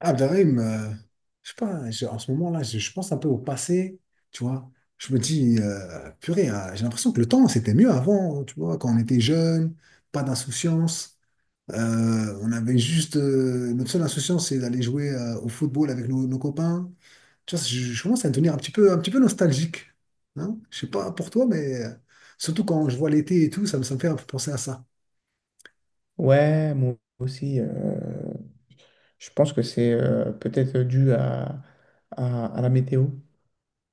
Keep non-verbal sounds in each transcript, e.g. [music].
Abderrahim, je sais pas, en ce moment-là, je pense un peu au passé, tu vois. Je me dis, purée, j'ai l'impression que le temps, c'était mieux avant, tu vois, quand on était jeune, pas d'insouciance. On avait juste, notre seule insouciance, c'est d'aller jouer au football avec nos copains. Tu vois, je commence à devenir un petit peu nostalgique. Hein? Je sais pas pour toi, mais surtout quand je vois l'été et tout, ça me fait un peu penser à ça. Ouais, moi aussi. Je pense que c'est peut-être dû à, à la météo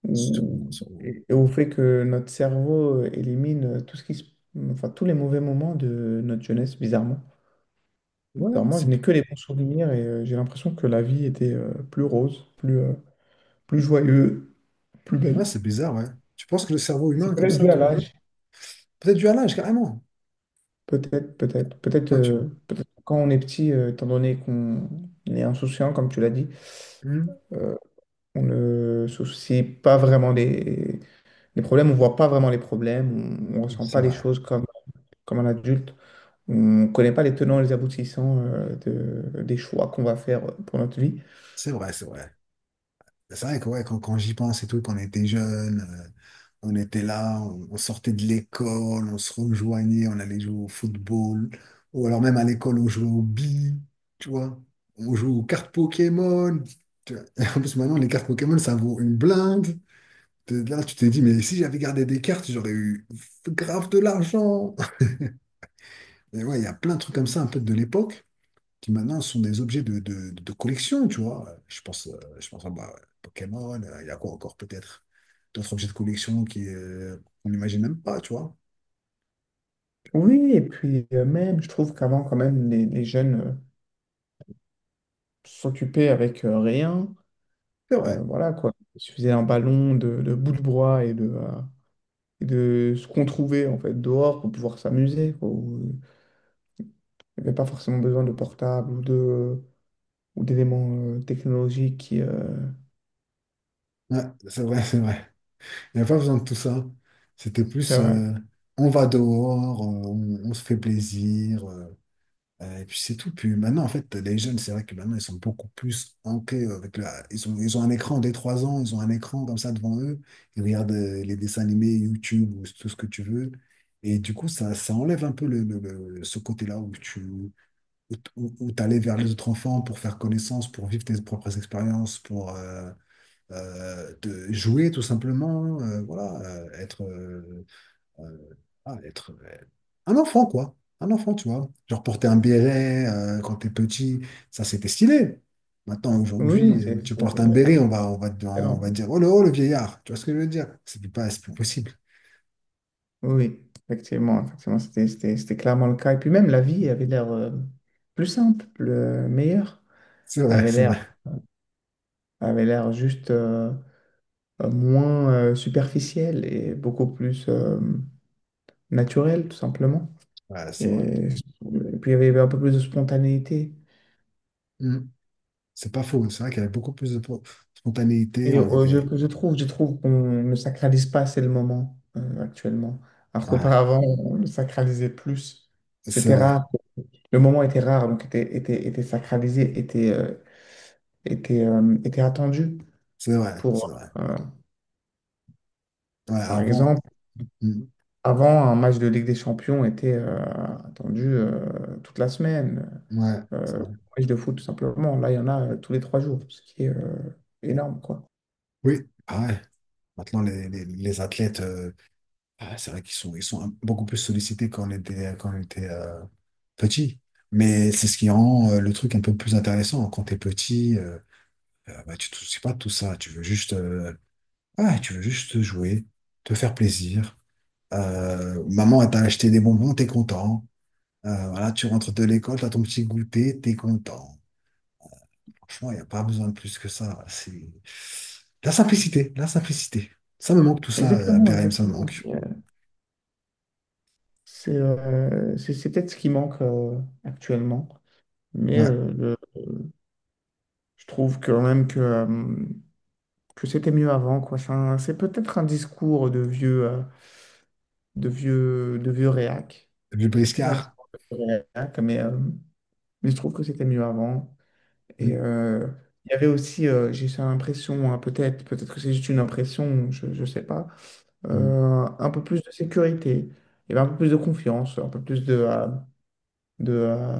Sûrement, sûrement. Et au fait que notre cerveau élimine tout ce qui enfin, tous les mauvais moments de notre jeunesse, bizarrement. Ouais, Alors moi, je c'est n'ai que les bons souvenirs et j'ai l'impression que la vie était plus rose, plus joyeuse, plus ouais, belle. c'est bizarre, ouais. Tu penses que le cerveau C'est humain, comme peut-être ça, dû à te... l'âge. Peut-être du halage, carrément. Peut-être, peut-être. Peut-être Vois-tu? Peut-être quand on est petit, étant donné qu'on est insouciant, comme tu l'as dit. Hmm euh, On ne se soucie pas vraiment des problèmes, on voit pas vraiment les problèmes, ne ressent C'est pas les vrai. choses comme un adulte, on ne connaît pas les tenants et les aboutissants des choix qu'on va faire pour notre vie. C'est vrai, c'est vrai. Bah, c'est vrai que ouais, quand, quand j'y pense et tout, quand on était jeunes, on était là, on sortait de l'école, on se rejoignait, on allait jouer au football. Ou alors même à l'école, on jouait au billes, tu vois. On jouait aux cartes Pokémon. Tu vois. Et en plus, maintenant, les cartes Pokémon, ça vaut une blinde. T'es là, tu t'es dit, mais si j'avais gardé des cartes, j'aurais eu grave de l'argent. [laughs] Et ouais, il y a plein de trucs comme ça, un peu de l'époque. Qui maintenant sont des objets de, de collection, tu vois. Je pense à bah, Pokémon, il y a quoi encore peut-être? D'autres objets de collection qui, on n'imagine même pas, tu vois. Oui, et puis même, je trouve qu'avant, quand même, les jeunes s'occupaient avec rien. C'est vrai, Voilà quoi, il suffisait un ballon de bouts de bois et de ce qu'on trouvait en fait dehors pour pouvoir s'amuser, quoi. Il n'y avait pas forcément besoin de portable ou d'éléments technologiques qui... ouais, c'est vrai, c'est vrai. Il n'y a pas besoin de tout ça. C'était C'est plus, vrai. On va dehors, on se fait plaisir. Et puis c'est tout. Puis maintenant, en fait, les jeunes, c'est vrai que maintenant, ils sont beaucoup plus ancrés avec la... Ils ont un écran dès 3 ans, ils ont un écran comme ça devant eux. Ils regardent les dessins animés, YouTube ou tout ce que tu veux. Et du coup, ça enlève un peu ce côté-là où tu où, t- où- où t'allais vers les autres enfants pour faire connaissance, pour vivre tes propres expériences, pour te jouer tout simplement, voilà, être euh, ah, être un enfant, quoi. Un enfant, tu vois. Genre porter un béret quand t'es petit, ça c'était stylé. Maintenant, Oui, oui, aujourd'hui, tu portes un c'était béret, on va excellent. dire, oh, le vieillard. Tu vois ce que je veux dire? C'est plus pas, c'est plus possible. Oui, oui, effectivement, effectivement, c'était clairement le cas. Et puis même, la vie avait l'air plus simple, meilleure, C'est vrai, avait c'est l'air vrai. avait l'air juste moins superficielle et beaucoup plus naturelle, tout simplement. Ouais, Et, c'est vrai. et puis, il y avait un peu plus de spontanéité. Mm. C'est pas faux. C'est vrai qu'il y avait beaucoup plus de spontanéité. Et On était. Je trouve qu'on ne sacralise pas assez le moment actuellement. Alors Ouais, qu'auparavant, on le sacralisait plus. c'est C'était vrai. rare. Le moment était rare, donc était sacralisé, était, était attendu. C'est vrai, c'est Pour, vrai. euh, Ouais, Par avant. exemple, Mm. avant, un match de Ligue des Champions était attendu toute la semaine. Ouais, c'est Euh, vrai. match de foot, tout simplement. Là, il y en a tous les trois jours, ce qui est énorme, quoi. Oui, ah ouais. Maintenant, les athlètes. Ah, c'est vrai qu'ils sont, beaucoup plus sollicités quand on était petit. Mais c'est ce qui rend le truc un peu plus intéressant. Quand t'es petit, bah, tu te soucies pas de tout ça. Tu veux juste, ouais, tu veux juste jouer, te faire plaisir. Maman, elle t'a acheté des bonbons, t'es content. Voilà, tu rentres de l'école, t'as ton petit goûter, t'es content. Franchement, il n'y a pas besoin de plus que ça. C'est la simplicité, la simplicité. Ça me manque tout ça, à Exactement, Bérem, ça me exactement. manque. C'est peut-être ce qui manque actuellement, mais Ouais, je trouve quand même que c'était mieux avant, quoi. C'est peut-être un discours de vieux, de vieux réac. le C'est peut-être un briscard. discours de vieux réac, mais je trouve que c'était mieux avant. Et Mm, il y avait aussi, j'ai cette impression, hein, peut-être, peut-être que c'est juste une impression, je ne sais pas, mm. Un peu plus de sécurité, il y avait un peu plus de confiance, un peu plus de, euh,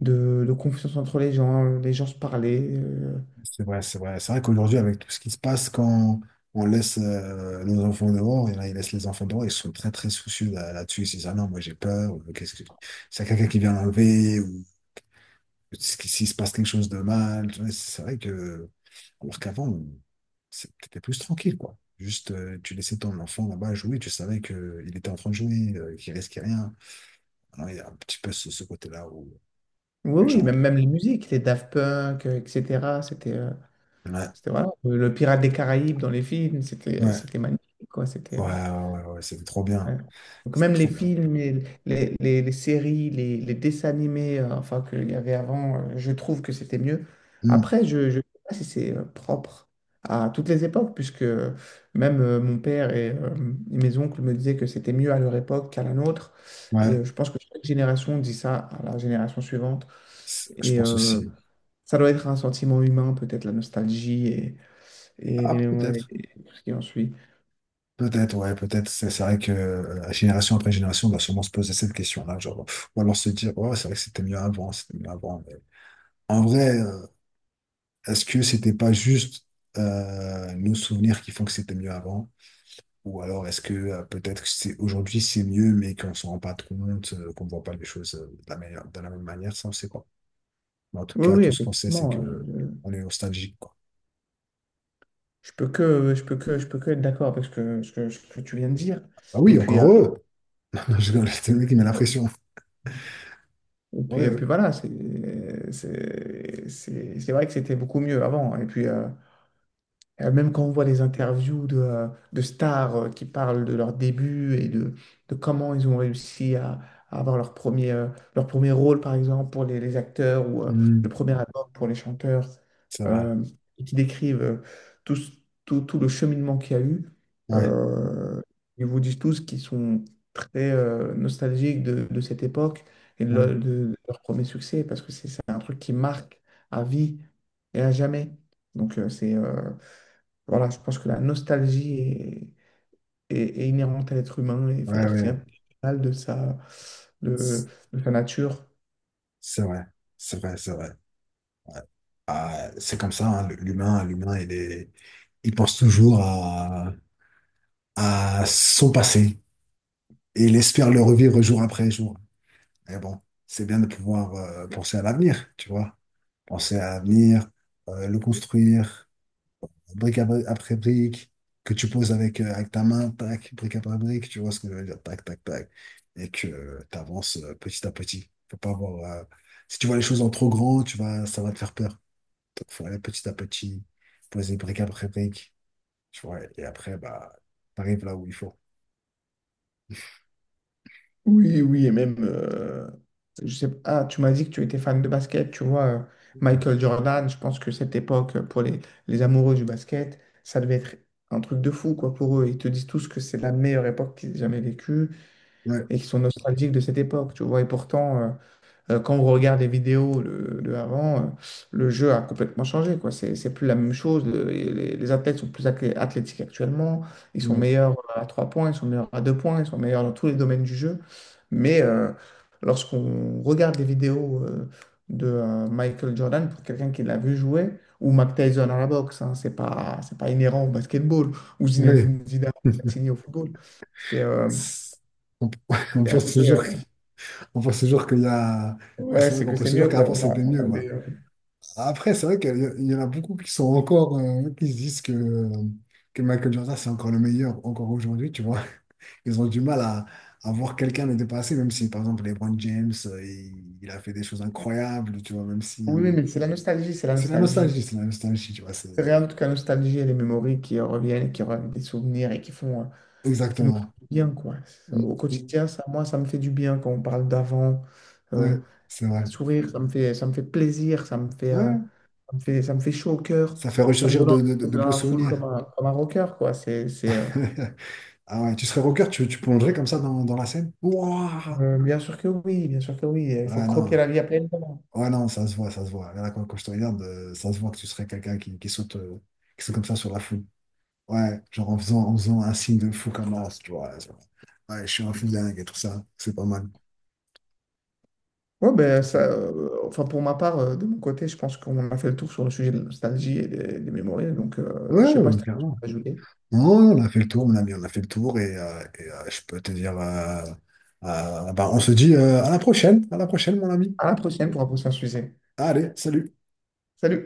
de confiance entre les gens se parlaient. C'est vrai, c'est vrai. C'est vrai qu'aujourd'hui, avec tout ce qui se passe, quand on laisse nos enfants dehors, et là, ils laissent les enfants dehors, ils sont très, très soucieux là-dessus. Ils se disent, ah non, moi, j'ai peur, ou qu'est-ce que... C'est quelqu'un qui vient l'enlever, ou s'il se passe quelque chose de mal. Tu vois, c'est vrai que, alors qu'avant, c'est- t'étais plus tranquille, quoi. Juste, tu laissais ton enfant là-bas jouer, tu savais que il était en train de jouer, qu'il risquait rien. Alors, il y a un petit peu ce, ce côté-là où Oui, les oui, gens... même, même les musiques, les Daft Punk, etc. Ouais, C'était voilà, le Pirate des Caraïbes dans les films, ouais, c'était magnifique, quoi. Ouais, ouais, ouais, ouais, c'était trop bien. Ouais. Donc C'était même les trop bien. films, et les séries, les dessins animés, enfin qu'il y avait avant, je trouve que c'était mieux. Mmh. Après, je ne sais pas si c'est propre à toutes les époques, puisque même mon père et mes oncles me disaient que c'était mieux à leur époque qu'à la nôtre. Et Ouais, je pense que chaque génération dit ça à la génération suivante. Je Et pense aussi. ça doit être un sentiment humain, peut-être la nostalgie et Ah, les mémoires et peut-être. tout ce qui en suit. Peut-être, ouais, peut-être. C'est vrai que génération après génération, on va sûrement se poser cette question-là. Genre, pff, ou alors se dire, ouais, c'est vrai que c'était mieux avant, c'était mieux avant. Mais en vrai, est-ce que c'était pas juste nos souvenirs qui font que c'était mieux avant? Ou alors est-ce que peut-être que c'est aujourd'hui c'est mieux, mais qu'on s'en rend pas compte, qu'on voit pas les choses de la meilleure, de la même manière, ça on sait pas. Mais en tout Oui, cas, oui, tout ce qu'on sait, c'est que effectivement. euh, on est nostalgique, quoi. Je peux que être d'accord avec ce que tu viens de dire. Ah Et oui, puis, encore heureux! [laughs] Je rigole, c'est lui qui met la pression. Ouais, ouais. Voilà, c'est vrai que c'était beaucoup mieux avant. Et puis, même quand on voit les interviews de stars qui parlent de leur début de comment ils ont réussi à avoir leur premier rôle, par exemple, pour les acteurs ou le Hmm, premier album pour les chanteurs, c'est vrai. euh, et qui décrivent tout, ce- tout, tout le cheminement qu'il y a eu, Ouais, euh, ils vous disent tous qu'ils sont très nostalgiques de cette époque ouais, de leur premier succès, parce que c'est un truc qui marque à vie et à jamais. Donc, c'est... voilà, je pense que la nostalgie est inhérente à l'être humain et fait ouais, partie ouais. intégrale de sa, de, C'est de sa nature. c'est vrai. C'est vrai, c'est vrai. Ah, c'est comme ça, hein, l'humain, l'humain, il est, il pense toujours à son passé et il espère le revivre jour après jour. Et bon, c'est bien de pouvoir penser à l'avenir, tu vois. Penser à l'avenir, le construire. Brique à après brique, que tu poses avec, avec ta main, tac, brique après brique, tu vois ce que je veux dire, tac, tac, tac, et que tu avances petit à petit. Faut pas avoir, si tu vois les choses en trop grand, tu vas, ça va te faire peur. Donc, faut aller petit à petit, poser brique après brique, tu vois, et après, bah, t'arrives là où il faut. Oui, oui, et même, je sais pas, ah, tu m'as dit que tu étais fan de basket, tu vois, Michael Jordan, je pense que cette époque, pour les amoureux du basket, ça devait être un truc de fou, quoi, pour eux. Ils te disent tous que c'est la meilleure époque qu'ils aient jamais vécue Ouais, et qu'ils sont nostalgiques de cette époque, tu vois, et pourtant, quand on regarde les vidéos de avant, le jeu a complètement changé, quoi. C'est plus la même chose. Les athlètes sont plus athlétiques actuellement. Ils sont ouais, meilleurs à trois points, ils sont meilleurs à deux points, ils sont meilleurs dans tous les domaines du jeu. Mais lorsqu'on regarde les vidéos de Michael Jordan, pour quelqu'un qui l'a vu jouer, ou Mike Tyson à la boxe, hein, c'est pas inhérent au basketball, ou ouais. Zinedine Zidane [laughs] Platini au football. C'est euh, On, [laughs] on c'est pense assez. toujours, on pense toujours qu'il y a, ouais, Ouais, c'est vrai qu'on pense c'est toujours mieux, quoi. qu'avant c'était mieux, quoi. Après, c'est vrai qu'il y en a beaucoup qui sont encore, qui se disent que Michael Jordan, c'est encore le meilleur, encore aujourd'hui, tu vois. [laughs] Ils ont du mal à voir quelqu'un le dépasser, même si, par exemple, LeBron James, il a fait des choses incroyables, tu vois, même Oui, oui, si... mais c'est la nostalgie, c'est la nostalgie. C'est la nostalgie, tu vois, c'est... C'est rien d'autre que la nostalgie et les mémories qui reviennent, des souvenirs et qui font, qui nous font Exactement. du bien, quoi. Ça, Mm, au mm, quotidien, ça, moi, ça me fait du bien quand on parle d'avant. Euh, ouais, c'est vrai. sourire, ça me fait plaisir, Ouais, ça me fait chaud au cœur. ça fait Ça me ressurgir donne de, envie de de beaux la foule souvenirs. Comme un rocker, quoi. [laughs] Ah ouais, tu serais rocker, tu plongerais comme ça dans, dans la scène? Ouah Bien sûr que oui, bien sûr que oui. Il faut ouais, croquer non. la vie à pleines dents. Ouais, non, ça se voit, ça se voit. Là, quand, quand je te regarde, ça se voit que tu serais quelqu'un qui saute comme ça sur la foule. Ouais, genre en faisant un signe de fou comme ça, tu vois. Genre, ouais, je suis un fou dingue et tout ça. C'est pas mal. Ouais, ben ça, enfin pour ma part, de mon côté, je pense qu'on a fait le tour sur le sujet de la nostalgie et des mémories. Donc, Ouais, je sais pas si ouais, tu as quelque chose clairement. à ajouter. Non, on a fait le tour, mon ami, on a fait le tour et, je peux te dire, bah, on se dit à la prochaine, mon ami. À la prochaine pour un prochain sujet. Allez, salut. Salut!